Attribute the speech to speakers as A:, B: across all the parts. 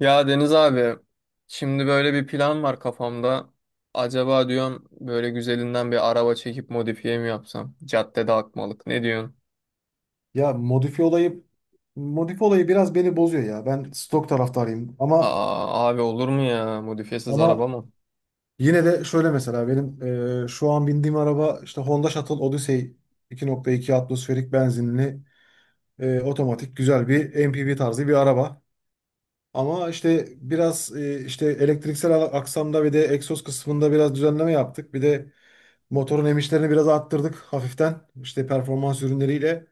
A: Ya Deniz abi, şimdi böyle bir plan var kafamda. Acaba diyorum böyle güzelinden bir araba çekip modifiye mi yapsam? Caddede akmalık. Ne diyorsun?
B: Ya modifi olayı biraz beni bozuyor ya. Ben stok taraftarıyım ama
A: Aa abi olur mu ya? Modifiyesiz araba
B: ama
A: mı?
B: yine de şöyle mesela benim şu an bindiğim araba işte Honda Shuttle Odyssey 2.2 atmosferik benzinli, otomatik güzel bir MPV tarzı bir araba. Ama işte biraz işte elektriksel aksamda ve de egzoz kısmında biraz düzenleme yaptık. Bir de motorun emişlerini biraz arttırdık hafiften, işte performans ürünleriyle.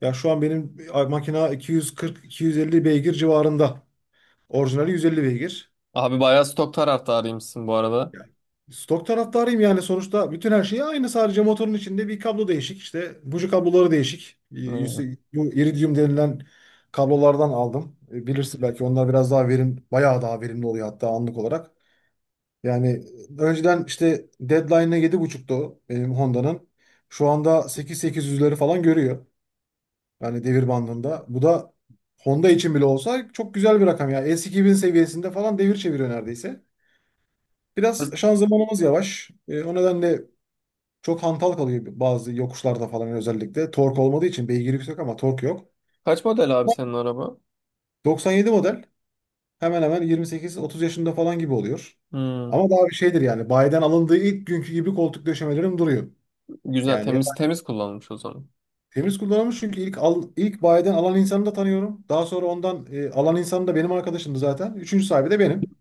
B: Ya şu an benim makina 240-250 beygir civarında. Orijinali 150 beygir.
A: Abi bayağı stok taraftarıymışsın bu arada.
B: Yani stok taraftarıyım, yani sonuçta bütün her şey aynı, sadece motorun içinde bir kablo değişik. İşte buji kabloları değişik.
A: Evet.
B: Bu iridium denilen kablolardan aldım. Bilirsin belki, onlar biraz daha verim, bayağı daha verimli oluyor hatta anlık olarak. Yani önceden işte deadline'ı 7.5'tu o benim Honda'nın. Şu anda 8.800'leri falan görüyor. Yani devir bandında. Bu da Honda için bile olsa çok güzel bir rakam ya. S2000 seviyesinde falan devir çeviriyor neredeyse. Biraz şanzımanımız yavaş. O nedenle çok hantal kalıyor bazı yokuşlarda falan, özellikle. Tork olmadığı için beygir yüksek ama tork yok.
A: Kaç model abi senin araba?
B: 97 model, hemen hemen 28-30 yaşında falan gibi oluyor.
A: Hmm,
B: Ama daha bir şeydir yani, bayiden alındığı ilk günkü gibi koltuk döşemelerim duruyor.
A: güzel
B: Yani ya-
A: temiz temiz kullanmış o zaman.
B: Temiz kullanılmış, çünkü ilk bayiden alan insanı da tanıyorum. Daha sonra ondan alan insan da benim arkadaşımdı zaten. Üçüncü sahibi de benim.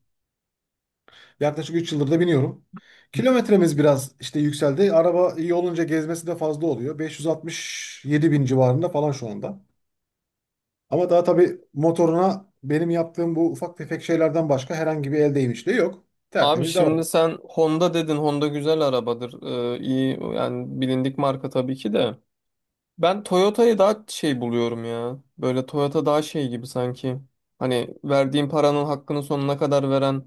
B: Yaklaşık 3 yıldır da biniyorum. Kilometremiz biraz işte yükseldi. Araba iyi olunca gezmesi de fazla oluyor. 567 bin civarında falan şu anda. Ama daha tabii motoruna benim yaptığım bu ufak tefek şeylerden başka herhangi bir el değmişliği yok.
A: Abi
B: Tertemiz
A: şimdi
B: devam.
A: sen Honda dedin. Honda güzel arabadır. İyi yani bilindik marka tabii ki de. Ben Toyota'yı daha şey buluyorum ya. Böyle Toyota daha şey gibi sanki. Hani verdiğin paranın hakkını sonuna kadar veren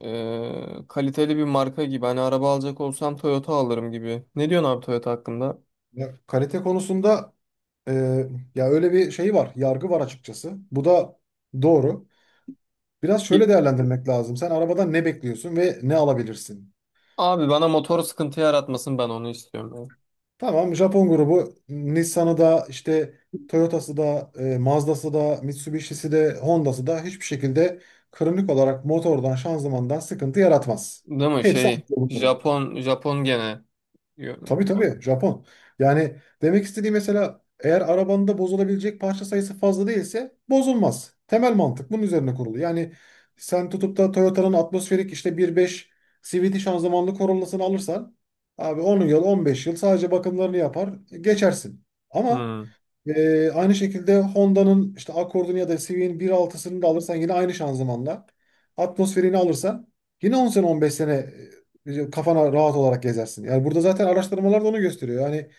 A: kaliteli bir marka gibi. Hani araba alacak olsam Toyota alırım gibi. Ne diyorsun abi Toyota hakkında?
B: Ya, kalite konusunda e, ya öyle bir şey var. Yargı var açıkçası. Bu da doğru. Biraz şöyle
A: Ki-
B: değerlendirmek lazım. Sen arabadan ne bekliyorsun ve ne alabilirsin?
A: Abi bana motor sıkıntı yaratmasın ben onu istiyorum.
B: Tamam, Japon grubu Nissan'ı da işte Toyota'sı da Mazda'sı da Mitsubishi'si de Honda'sı da hiçbir şekilde kronik olarak motordan şanzımandan sıkıntı yaratmaz.
A: Ya, değil mi
B: Hepsi aynı
A: şey
B: grubu.
A: Japon gene. Yo-
B: Tabii tabii, Japon. Yani demek istediği, mesela eğer arabanda bozulabilecek parça sayısı fazla değilse bozulmaz. Temel mantık bunun üzerine kurulu. Yani sen tutup da Toyota'nın atmosferik işte 1.5 CVT şanzımanlı Corolla'sını alırsan abi, 10 yıl 15 yıl sadece bakımlarını yapar geçersin. Ama
A: Hmm.
B: aynı şekilde Honda'nın işte Accord'unu ya da C V'nin bir altısını da alırsan, yine aynı şanzımanla. Atmosferini alırsan yine 10 sene 15 sene, kafana rahat olarak gezersin. Yani burada zaten araştırmalar da onu gösteriyor. Yani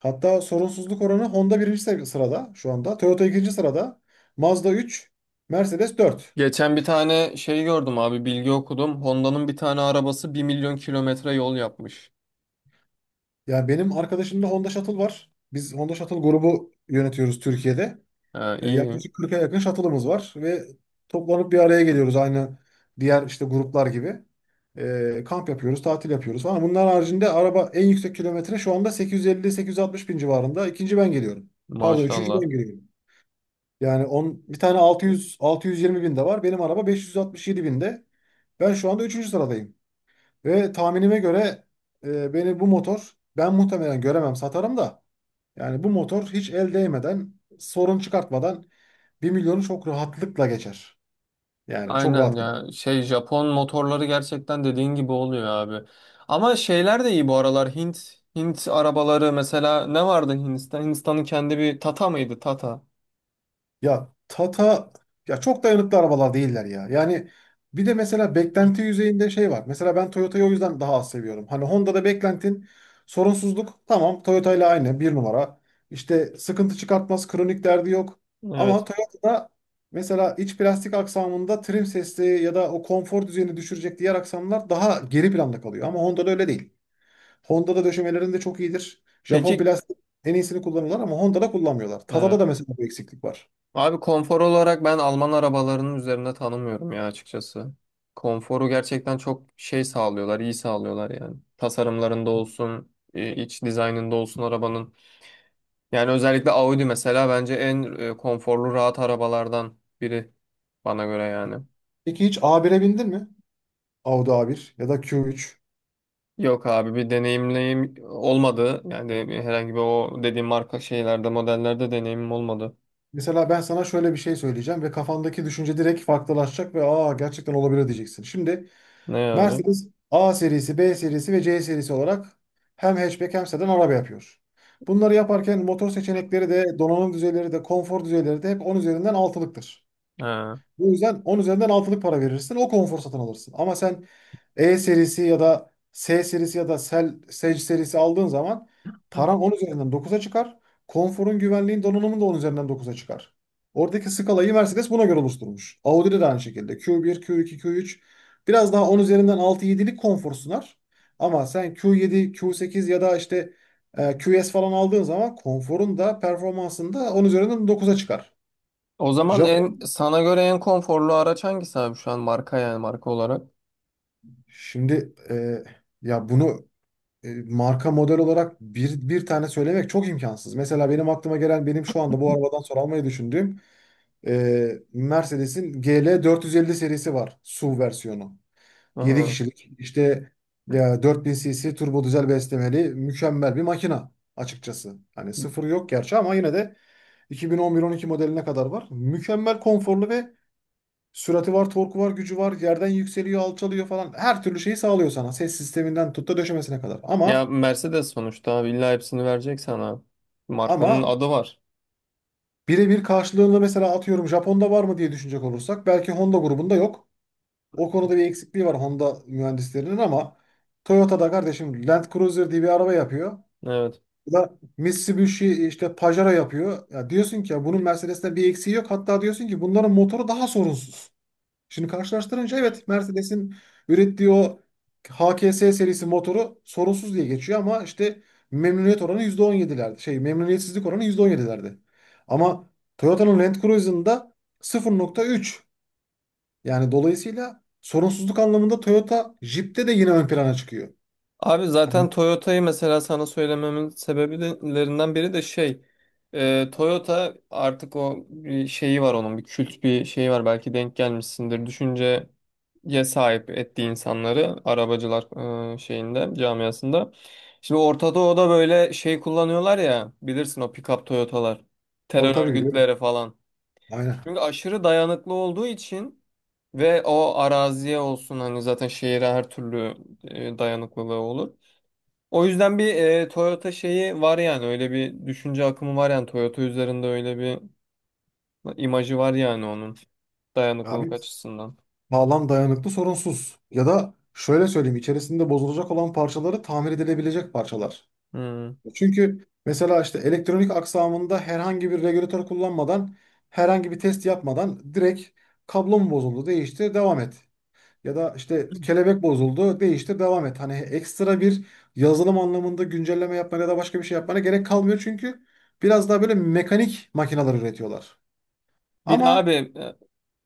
B: hatta sorunsuzluk oranı Honda birinci sırada şu anda. Toyota ikinci sırada. Mazda 3, Mercedes 4.
A: Geçen bir tane şey gördüm abi bilgi okudum. Honda'nın bir tane arabası bir milyon kilometre yol yapmış.
B: Yani benim arkadaşımda Honda Shuttle var. Biz Honda Shuttle grubu yönetiyoruz Türkiye'de.
A: Ha, iyi,
B: Yaklaşık 40'a yakın shuttle'ımız var ve toplanıp bir araya geliyoruz, aynı diğer işte gruplar gibi. Kamp yapıyoruz, tatil yapıyoruz falan. Bunlar haricinde araba en yüksek kilometre şu anda 850-860 bin civarında. İkinci ben geliyorum. Pardon, üçüncü
A: maşallah.
B: ben geliyorum. Yani bir tane 600 620 bin de var. Benim araba 567 binde. Ben şu anda üçüncü sıradayım. Ve tahminime göre beni bu motor, ben muhtemelen göremem, satarım da. Yani bu motor hiç el değmeden, sorun çıkartmadan bir milyonu çok rahatlıkla geçer. Yani çok
A: Aynen
B: rahat geçer.
A: ya, şey Japon motorları gerçekten dediğin gibi oluyor abi. Ama şeyler de iyi bu aralar Hint arabaları mesela ne vardı Hindistan? Hindistan'ın kendi bir Tata mıydı? Tata.
B: Ya Tata, ya çok dayanıklı arabalar değiller ya. Yani bir de mesela beklenti yüzeyinde şey var. Mesela ben Toyota'yı o yüzden daha az seviyorum. Hani Honda'da beklentin sorunsuzluk, tamam, Toyota ile aynı, bir numara. İşte sıkıntı çıkartmaz, kronik derdi yok. Ama
A: Evet.
B: Toyota'da mesela iç plastik aksamında trim sesli ya da o konfor düzeyini düşürecek diğer aksamlar daha geri planda kalıyor. Ama Honda'da öyle değil. Honda'da döşemelerinde çok iyidir. Japon
A: Peki,
B: plastik en iyisini kullanırlar ama Honda'da kullanmıyorlar. Tada'da
A: evet.
B: da mesela bu eksiklik var.
A: Abi konfor olarak ben Alman arabalarının üzerinde tanımıyorum ya açıkçası. Konforu gerçekten çok şey sağlıyorlar, iyi sağlıyorlar yani. Tasarımlarında olsun, iç dizaynında olsun arabanın. Yani özellikle Audi mesela bence en konforlu rahat arabalardan biri bana göre yani.
B: Peki hiç A1'e bindin mi? Audi A1 ya da Q3.
A: Yok abi bir deneyimleyim olmadı. Yani herhangi bir o dediğim marka şeylerde modellerde deneyimim olmadı.
B: Mesela ben sana şöyle bir şey söyleyeceğim ve kafandaki düşünce direkt farklılaşacak ve, aa, gerçekten olabilir diyeceksin. Şimdi
A: Ne abi?
B: Mercedes A serisi, B serisi ve C serisi olarak hem hatchback hem sedan araba yapıyor. Bunları yaparken motor seçenekleri de, donanım düzeyleri de, konfor düzeyleri de hep 10 üzerinden altılıktır.
A: Ha.
B: Bu yüzden 10 üzerinden altılık para verirsin, o konfor satın alırsın. Ama sen E serisi ya da S serisi ya da Sage serisi aldığın zaman paran 10 üzerinden dokuza çıkar. Konforun, güvenliğin, donanımın da 10 üzerinden dokuza çıkar. Oradaki skalayı Mercedes buna göre oluşturmuş. Audi'de de aynı şekilde. Q1, Q2, Q3 biraz daha 10 üzerinden altı 7'lik konfor sunar. Ama sen Q7, Q8 ya da işte QS falan aldığın zaman konforun da performansın da 10 üzerinden dokuza çıkar.
A: O zaman en
B: Japon.
A: sana göre en konforlu araç hangisi abi şu an marka yani marka olarak?
B: Şimdi ya bunu marka model olarak bir tane söylemek çok imkansız. Mesela benim aklıma gelen, benim şu anda bu arabadan sonra almayı düşündüğüm e, Mercedes'in GL450 serisi var. SUV versiyonu. yedi
A: Aha.
B: kişilik işte, ya 4000 cc turbo dizel beslemeli mükemmel bir makina açıkçası. Hani sıfır yok gerçi ama yine de 2011-12 modeline kadar var. Mükemmel konforlu ve sürati var, torku var, gücü var. Yerden yükseliyor, alçalıyor falan. Her türlü şeyi sağlıyor sana. Ses sisteminden tut da döşemesine kadar.
A: Ya
B: Ama
A: Mercedes sonuçta abi illa hepsini verecek sana. Markanın
B: ama
A: adı var.
B: Birebir karşılığında mesela atıyorum, Japon'da var mı diye düşünecek olursak belki Honda grubunda yok. O konuda bir eksikliği var Honda mühendislerinin ama Toyota'da kardeşim, Land Cruiser diye bir araba yapıyor.
A: Evet.
B: Bu da Mitsubishi işte Pajero yapıyor. Ya diyorsun ki ya, bunun Mercedes'ten bir eksiği yok. Hatta diyorsun ki bunların motoru daha sorunsuz. Şimdi karşılaştırınca, evet, Mercedes'in ürettiği o HKS serisi motoru sorunsuz diye geçiyor ama işte memnuniyet oranı %17'lerde. Şey, memnuniyetsizlik oranı %17'lerde. Ama Toyota'nın Land Cruiser'ında 0.3. Yani dolayısıyla sorunsuzluk anlamında Toyota Jeep'te de yine ön plana çıkıyor.
A: Abi
B: Hani,
A: zaten Toyota'yı mesela sana söylememin sebeplerinden biri de şey, Toyota artık o bir şeyi var, onun bir kült bir şeyi var, belki denk gelmişsindir düşünceye sahip ettiği insanları arabacılar şeyinde camiasında. Şimdi Orta Doğu'da böyle şey kullanıyorlar ya bilirsin, o pick-up Toyota'lar,
B: tabii
A: terör
B: tabii, biliyorum.
A: örgütleri falan.
B: Aynen.
A: Çünkü aşırı dayanıklı olduğu için ve o araziye olsun, hani zaten şehire her türlü dayanıklılığı olur. O yüzden bir Toyota şeyi var yani, öyle bir düşünce akımı var yani Toyota üzerinde, öyle bir imajı var yani onun, dayanıklılık
B: Abi
A: açısından.
B: sağlam, dayanıklı, sorunsuz. Ya da şöyle söyleyeyim, içerisinde bozulacak olan parçaları tamir edilebilecek parçalar.
A: Hmm.
B: Çünkü mesela işte elektronik aksamında herhangi bir regülatör kullanmadan, herhangi bir test yapmadan direkt kablo mu bozuldu, değiştir, devam et. Ya da işte kelebek bozuldu, değiştir, devam et. Hani ekstra bir yazılım anlamında güncelleme yapmana ya da başka bir şey yapmana gerek kalmıyor, çünkü biraz daha böyle mekanik makineler üretiyorlar.
A: Bir de abi
B: Ama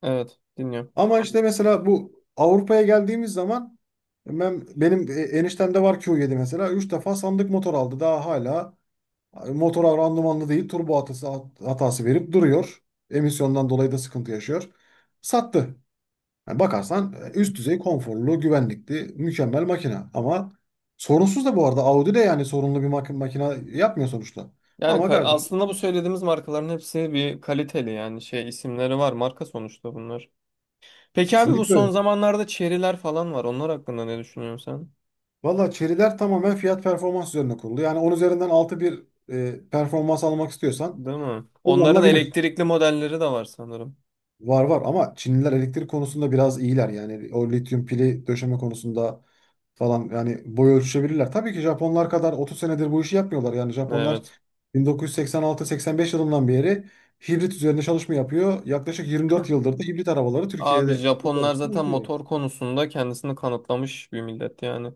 A: evet, dinliyorum.
B: ama işte mesela bu Avrupa'ya geldiğimiz zaman benim eniştemde var Q7, mesela 3 defa sandık motor aldı. Daha hala abi motora randımanlı değil, turbo hatası verip duruyor. Emisyondan dolayı da sıkıntı yaşıyor. Sattı. Yani bakarsan üst düzey konforlu, güvenlikli, mükemmel makine. Ama sorunsuz da bu arada Audi de, yani sorunlu bir makine yapmıyor sonuçta.
A: Yani
B: Ama
A: aslında
B: kardeşim
A: bu söylediğimiz markaların hepsi bir kaliteli yani, şey isimleri var, marka sonuçta bunlar. Peki abi bu
B: kesinlikle
A: son
B: öyle.
A: zamanlarda Chery'ler falan var. Onlar hakkında ne düşünüyorsun sen?
B: Valla Chery'ler tamamen fiyat performans üzerine kurulu. Yani 10 üzerinden 6 bir performans almak istiyorsan
A: Değil mi? Onların
B: kullanılabilir.
A: elektrikli modelleri de var sanırım.
B: Var var, ama Çinliler elektrik konusunda biraz iyiler. Yani o lityum pili döşeme konusunda falan, yani boy ölçüşebilirler. Tabii ki Japonlar kadar 30 senedir bu işi yapmıyorlar. Yani Japonlar
A: Evet.
B: 1986-85 yılından beri hibrit üzerinde çalışma yapıyor. Yaklaşık 24 yıldır da hibrit arabaları
A: Abi
B: Türkiye'de
A: Japonlar zaten
B: yapıyor.
A: motor konusunda kendisini kanıtlamış bir millet yani.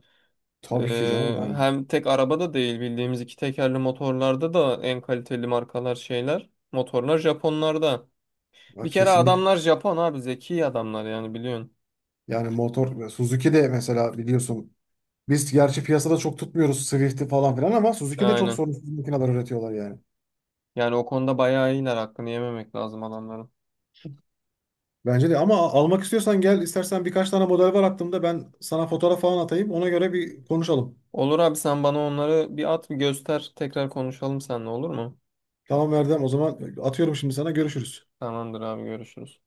B: Tabii ki canım, yani
A: Hem tek arabada değil, bildiğimiz iki tekerli motorlarda da en kaliteli markalar şeyler. Motorlar Japonlarda. Bir
B: ya,
A: kere
B: kesinlikle.
A: adamlar Japon abi, zeki adamlar yani biliyorsun.
B: Yani motor Suzuki de mesela, biliyorsun biz gerçi piyasada çok tutmuyoruz Swift'i falan filan ama Suzuki de çok
A: Aynen.
B: sorunsuz makineler üretiyorlar yani.
A: Yani o konuda bayağı iyiler, hakkını yememek lazım adamların.
B: Bence de. Ama almak istiyorsan gel, istersen birkaç tane model var aklımda, ben sana fotoğraf falan atayım, ona göre bir konuşalım.
A: Olur abi, sen bana onları bir at bir göster, tekrar konuşalım seninle, olur mu?
B: Tamam Erdem, o zaman atıyorum şimdi sana, görüşürüz.
A: Tamamdır abi, görüşürüz.